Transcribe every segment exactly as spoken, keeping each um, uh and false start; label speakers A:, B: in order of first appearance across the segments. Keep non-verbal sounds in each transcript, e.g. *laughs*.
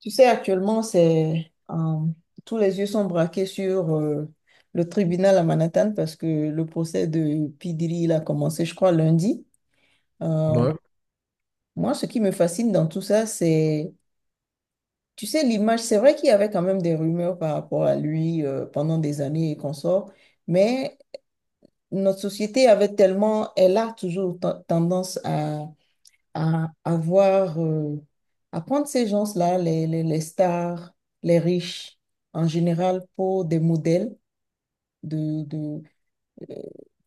A: Tu sais, actuellement, c'est euh, tous les yeux sont braqués sur euh, le tribunal à Manhattan parce que le procès de P. Diddy, il a commencé, je crois, lundi. Euh,
B: Ouais,
A: moi, ce qui me fascine dans tout ça, c'est, tu sais, l'image, c'est vrai qu'il y avait quand même des rumeurs par rapport à lui euh, pendant des années et qu'on sort, mais notre société avait tellement, elle a toujours ten- tendance à à avoir, euh, à prendre ces gens-là, les, les, les stars, les riches, en général, pour des modèles de, de, euh,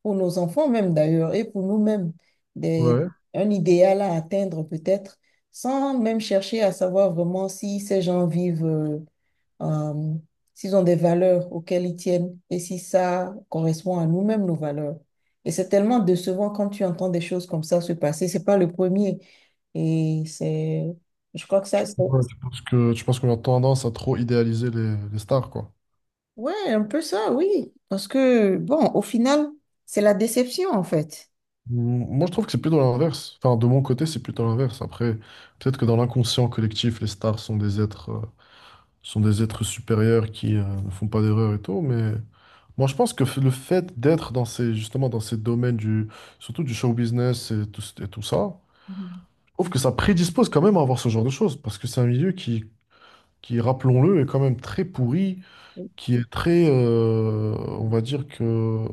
A: pour nos enfants même d'ailleurs, et pour nous-mêmes, des,
B: ouais.
A: un idéal à atteindre peut-être, sans même chercher à savoir vraiment si ces gens vivent. euh, euh, s'ils ont des valeurs auxquelles ils tiennent et si ça correspond à nous-mêmes, nos valeurs. Et c'est tellement décevant quand tu entends des choses comme ça se passer. C'est pas le premier. Et c'est, je crois que ça, c'est-
B: Ouais, tu penses que, je pense qu'on a tendance à trop idéaliser les, les stars, quoi.
A: ouais, un peu ça, oui. Parce que, bon, au final, c'est la déception, en fait.
B: M- Moi, je trouve que c'est plutôt l'inverse. Enfin, de mon côté, c'est plutôt l'inverse. Après, peut-être que dans l'inconscient collectif, les stars sont des êtres, euh, sont des êtres supérieurs qui, euh, ne font pas d'erreurs et tout, mais moi, je pense que f- le fait d'être dans ces, justement, dans ces domaines du, surtout du show business et tout, et tout ça,
A: Mhm.
B: je trouve que ça prédispose quand même à avoir ce genre de choses, parce que c'est un milieu qui, qui, rappelons-le, est quand même très pourri qui est très, euh, on va dire que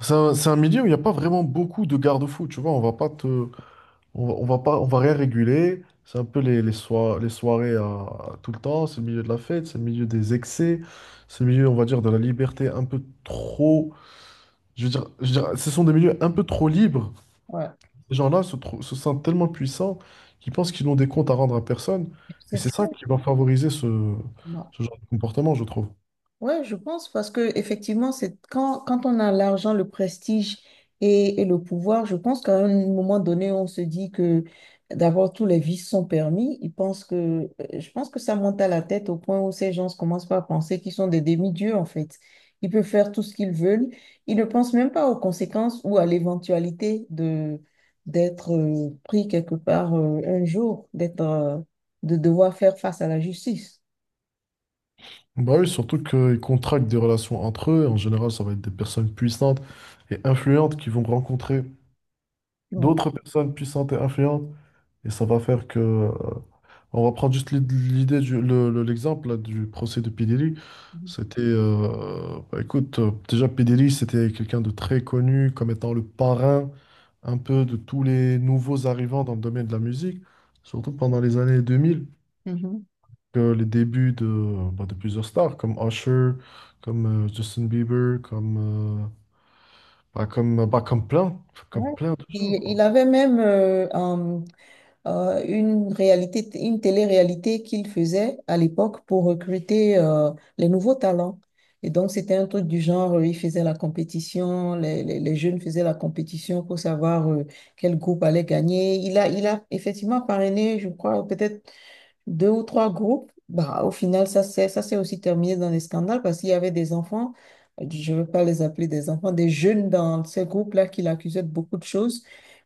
B: c'est un, c'est un milieu où il n'y a pas vraiment beaucoup de garde-fous, tu vois, on va pas te, on va, on va pas, on va rien réguler, c'est un peu les, les, soir- les soirées à, à tout le temps, c'est le milieu de la fête, c'est le milieu des excès, c'est le milieu, on va dire, de la liberté un peu trop, je veux dire, je veux dire, ce sont des milieux un peu trop libres,
A: Ouais,
B: ces gens-là se, trou- se sentent tellement puissants qu'ils pensent qu'ils n'ont des comptes à rendre à personne, et
A: c'est
B: c'est
A: ça.
B: ça qui va favoriser ce, ce genre de comportement, je trouve.
A: Ouais, je pense parce que effectivement, c'est quand, quand on a l'argent, le prestige et, et le pouvoir, je pense qu'à un moment donné, on se dit que d'abord tous les vices sont permis. Ils pensent que, euh, je pense que ça monte à la tête au point où ces gens commencent pas à penser qu'ils sont des demi-dieux en fait. Ils peuvent faire tout ce qu'ils veulent. Ils ne pensent même pas aux conséquences ou à l'éventualité de d'être euh, pris quelque part euh, un jour, d'être euh, de devoir faire face à la justice.
B: Bah oui, surtout qu'ils contractent des relations entre eux. En général, ça va être des personnes puissantes et influentes qui vont rencontrer
A: Ouais.
B: d'autres personnes puissantes et influentes. Et ça va faire que... euh, on va prendre juste l'id- l'idée du... le- le- l'exemple là, du procès de P. Diddy. C'était... euh, bah écoute, euh, déjà P. Diddy, c'était quelqu'un de très connu comme étant le parrain un peu de tous les nouveaux arrivants dans le domaine de la musique, surtout pendant les années deux mille
A: Mhm.
B: que les débuts de, bah, de plusieurs stars comme Usher, comme euh, Justin Bieber, comme, euh, bah, comme, bah, comme plein, comme
A: Ouais.
B: plein de gens,
A: Il,
B: quoi.
A: il avait même euh, un- euh, une réalité, une télé-réalité qu'il faisait à l'époque pour recruter euh, les nouveaux talents. Et donc, c'était un truc du genre, euh, il faisait la compétition, les, les- les jeunes faisaient la compétition pour savoir euh, quel groupe allait gagner. Il a, il a effectivement parrainé, je crois, peut-être deux ou trois groupes, bah, au final, ça s'est, ça s'est aussi terminé dans les scandales parce qu'il y avait des enfants, euh, je ne veux pas les appeler des enfants, des jeunes dans ces groupes-là qui l'accusaient de beaucoup de choses.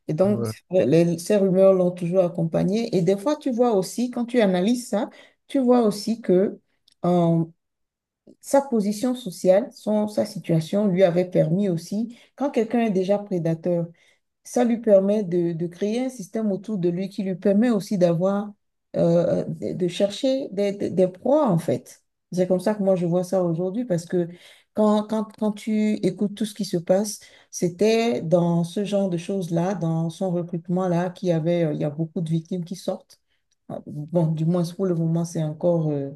A: Et donc,
B: Ouais.
A: les- ces rumeurs l'ont toujours accompagné. Et des fois, tu vois aussi, quand tu analyses ça, tu vois aussi que euh, sa position sociale, son, sa situation lui avait permis aussi, quand quelqu'un est déjà prédateur, ça lui permet de, de créer un système autour de lui qui lui permet aussi d'avoir, euh, de, de chercher des, des, des proies, en fait. C'est comme ça que moi, je vois ça aujourd'hui, parce que quand, quand, quand tu écoutes tout ce qui se passe, c'était dans ce genre de choses-là, dans son recrutement-là, qu'il y avait, euh, il y a beaucoup de victimes qui sortent. Bon, du moins, pour le moment, c'est encore... euh,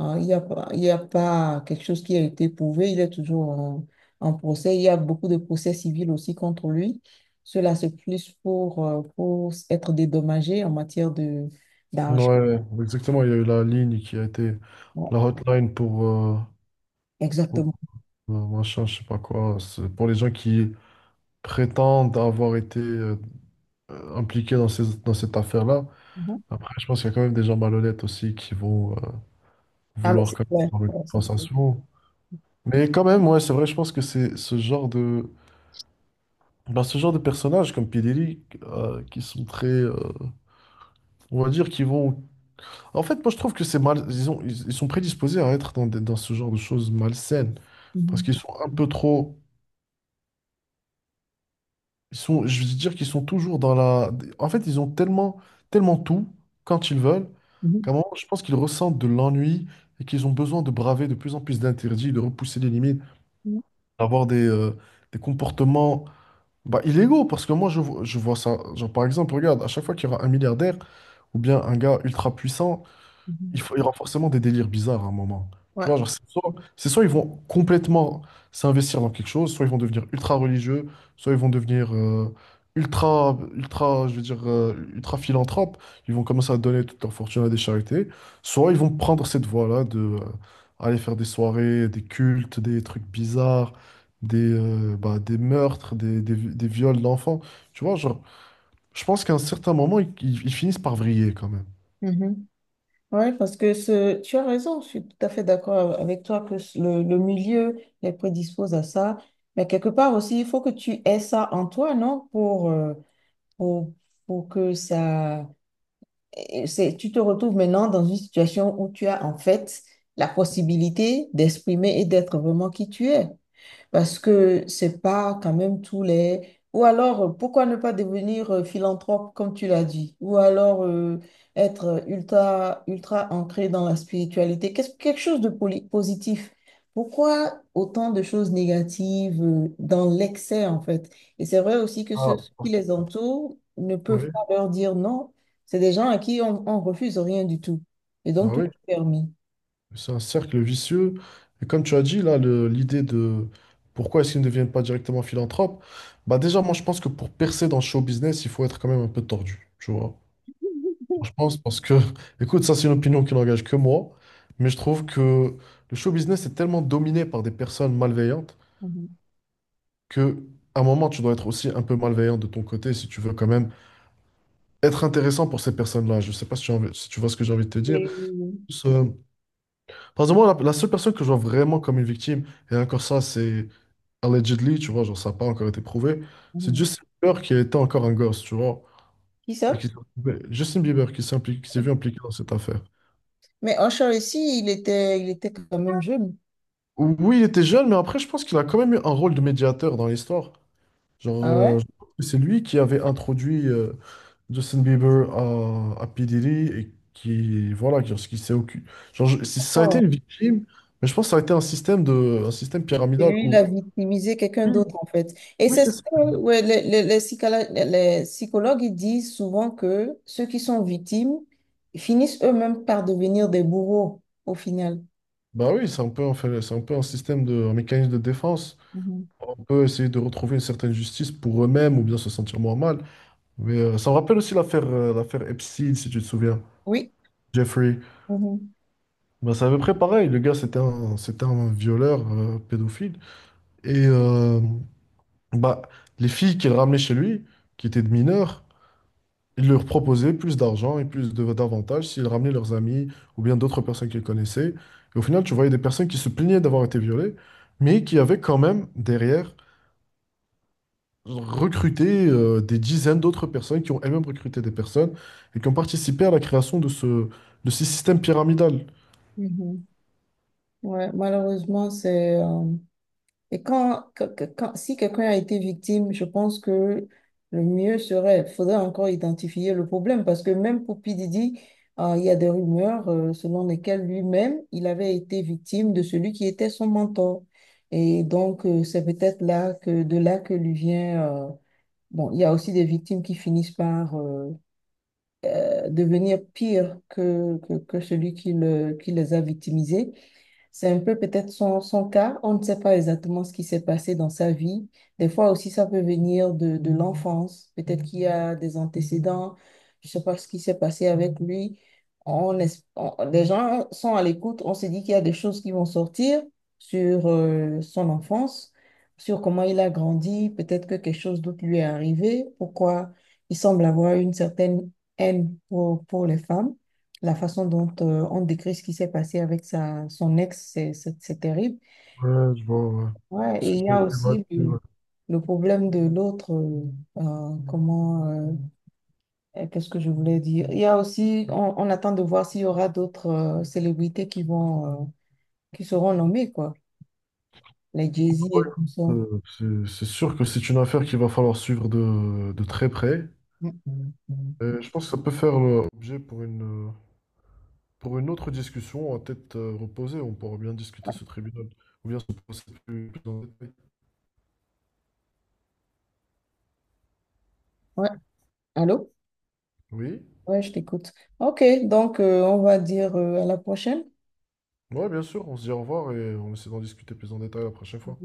A: Hein, il n'y a pas, il y a pas quelque chose qui a été prouvé. Il est toujours en, en procès. Il y a beaucoup de procès civils aussi contre lui. Cela, c'est plus pour, euh, pour être dédommagé en matière de d'argent.
B: Ouais, exactement. Il y a eu la ligne qui a été
A: Ouais,
B: la hotline pour, euh, pour,
A: exactement.
B: euh, machin, je sais pas quoi. C'est pour les gens qui prétendent avoir été euh, impliqués dans ces- dans cette affaire-là.
A: Mhm.
B: Après, je pense qu'il y a quand même des gens malhonnêtes aussi qui vont euh,
A: Ah, mais
B: vouloir
A: c'est
B: quand même
A: clair.
B: avoir une
A: Ouais, ça peut-
B: compensation. Mais quand même, ouais, c'est vrai, je pense que c'est ce genre de, bah, ce genre de personnages comme Pederi, euh, qui sont très, euh, on va dire, qui vont. En fait, moi, je trouve que c'est mal. Ils ont- ils, ils sont prédisposés à être dans, des- dans ce genre de choses malsaines. Parce
A: Mhm.
B: qu'ils sont un peu trop. Ils sont, je veux dire qu'ils sont toujours dans la. En fait, ils ont tellement, tellement tout quand ils veulent,
A: Mhm.
B: qu'à un moment, je pense qu'ils ressentent de l'ennui et qu'ils ont besoin de braver de plus en plus d'interdits, de repousser les limites,
A: Mhm.
B: d'avoir des, euh, des comportements bah, illégaux, parce que moi, je, vo- je vois ça. Genre, par exemple, regarde, à chaque fois qu'il y aura un milliardaire ou bien un gars ultra puissant, il
A: Mhm.
B: faut, il y aura forcément des délires bizarres à un moment. Tu
A: Ouais.
B: vois, genre, c'est soit, c'est soit ils vont complètement s'investir dans quelque chose, soit ils vont devenir ultra religieux, soit ils vont devenir euh, ultra, ultra, je veux dire, euh, ultra philanthropes. Ils vont commencer à donner toute leur fortune à des charités, soit ils vont prendre cette voie-là de euh, aller faire des soirées, des cultes, des trucs bizarres, des, euh, bah, des meurtres, des, des, des viols d'enfants. Tu vois, genre, je pense qu'à un certain moment, ils, ils- ils finissent par vriller quand même.
A: Mhm. Ouais, parce que ce, tu as raison, je suis tout à fait d'accord avec toi que ce- le, le milieu les prédispose à ça. Mais quelque part aussi, il faut que tu aies ça en toi, non? Pour, euh, pour, pour que ça... et c'est- tu te retrouves maintenant dans une situation où tu as en fait la possibilité d'exprimer et d'être vraiment qui tu es. Parce que c'est pas quand même tous les... Ou alors, euh, pourquoi ne pas devenir euh, philanthrope, comme tu l'as dit? Ou alors euh, être ultra, ultra ancré dans la spiritualité. Qu'est-ce, quelque chose de poli- positif. Pourquoi autant de choses négatives euh, dans l'excès, en fait? Et c'est vrai aussi que ceux
B: Ah,
A: qui les entourent ne peuvent
B: oui,
A: pas leur dire non. C'est des gens à qui on, on refuse rien du tout. Et donc,
B: bah
A: tout
B: oui.
A: est permis.
B: C'est un cercle vicieux. Et comme tu as dit, là, le- l'idée de pourquoi est-ce qu'ils ne deviennent pas directement philanthropes, bah déjà, moi, je pense que pour percer dans le show business, il faut être quand même un peu tordu, tu vois. Je pense parce que, *laughs* écoute, ça, c'est une opinion qui n'engage que moi, mais je trouve que le show business est tellement dominé par des personnes malveillantes
A: Mhm.
B: que, à un moment, tu dois être aussi un peu malveillant de ton côté si tu veux quand même être intéressant pour ces personnes-là. Je sais pas si tu, as envie- si tu vois ce que j'ai envie de te dire.
A: Et-
B: Plus, euh, par exemple, moi, la, la seule personne que je vois vraiment comme une victime, et encore ça, c'est allegedly, tu vois, genre ça n'a pas encore été prouvé. C'est
A: Mhm.
B: Justin Bieber qui était encore un gosse, tu vois,
A: Qui
B: et
A: ça?
B: qui s'est retrouvé- Justin Bieber qui s'est impliqué, qui s'est vu impliqué dans cette affaire.
A: Mais Usher ici, il était, il était quand même jeune.
B: Oui, il était jeune, mais après, je pense qu'il a quand même eu un rôle de médiateur dans l'histoire. Genre,
A: Ah
B: euh,
A: ouais?
B: je pense que c'est lui qui avait introduit euh, Justin Bieber à, à P. Diddy et qui, voilà, genre, ce qui s'est occupé. Genre, je- c'est- ça a été
A: Oh.
B: une victime, mais je pense que ça a été un système de, un système
A: Et
B: pyramidal
A: lui, il
B: où.
A: a victimisé quelqu'un
B: Oui,
A: d'autre, en fait. Et
B: oui,
A: c'est
B: c'est
A: ce
B: ça.
A: que ouais, les, les- les psychala- les psychologues ils disent souvent que ceux qui sont victimes finissent eux-mêmes par devenir des bourreaux, au final.
B: Bah oui, c'est un peu, en fait, c'est un peu un système de, un mécanisme de défense.
A: Mhm.
B: On peut essayer de retrouver une certaine justice pour eux-mêmes ou bien se sentir moins mal. Mais euh, ça me rappelle aussi l'affaire euh, l'affaire Epstein, si tu te souviens.
A: Oui,
B: Jeffrey.
A: mhm,
B: Ben, c'est à peu près pareil. Le gars, c'était un, c'était un violeur euh, pédophile. Et euh, bah, les filles qu'il ramenait chez lui, qui étaient de mineurs, il leur proposait plus d'argent et plus de- d'avantages s'il ramenait leurs amis ou bien d'autres personnes qu'il connaissait. Et au final, tu voyais des personnes qui se plaignaient d'avoir été violées, mais qui avaient quand même derrière recruter euh, des dizaines d'autres personnes qui ont elles-mêmes recruté des personnes et qui ont participé à la création de ce, de ce système pyramidal.
A: mhm. Ouais, malheureusement, c'est... euh, et quand, que- que- quand- si quelqu'un a été victime, je pense que le mieux serait, il faudrait encore identifier le problème parce que même pour P. Diddy, euh, il y a des rumeurs euh, selon lesquelles lui-même, il avait été victime de celui qui était son mentor. Et donc, euh, c'est peut-être là que, de là que lui vient... euh, bon, il y a aussi des victimes qui finissent par euh, euh, devenir pires que, que, que celui qui, le, qui les a victimisés. C'est un peu peut-être son, son cas. On ne sait pas exactement ce qui s'est passé dans sa vie. Des fois aussi, ça peut venir de, de l'enfance. Peut-être qu'il y a des antécédents. Je ne sais pas ce qui s'est passé avec lui. On, es- on- les gens sont à l'écoute. On se dit qu'il y a des choses qui vont sortir sur euh, son enfance, sur comment il a grandi. Peut-être que quelque chose d'autre lui est arrivé. Pourquoi il semble avoir une certaine haine pour, pour les femmes. La façon dont euh, on décrit ce qui s'est passé avec sa, son ex, c'est c'est- c'est terrible.
B: Ouais, je vois, ouais.
A: Ouais, et
B: C'est
A: il y
B: qui a
A: a aussi le,
B: ouais.
A: le problème de l'autre. euh, euh, comment, euh, euh, qu'est-ce que je voulais dire? Il y a aussi, on, on attend de voir s'il y aura d'autres euh, célébrités qui vont, euh, qui seront nommées, quoi. Les Jay-Z et tout ça.
B: Euh, c'est- c'est sûr que c'est une affaire qu'il va falloir suivre de, de très près.
A: Mm.
B: Et je pense que ça peut faire euh, objet pour une, euh, pour une autre discussion à tête euh, reposée. On pourra bien discuter ce tribunal ou bien ce procès plus, plus en détail.
A: Ouais, allô?
B: Oui,
A: Ouais, je t'écoute. Ok, donc euh, on va dire euh, à la prochaine.
B: ouais, bien sûr, on se dit au revoir et on essaie d'en discuter plus en détail la prochaine fois.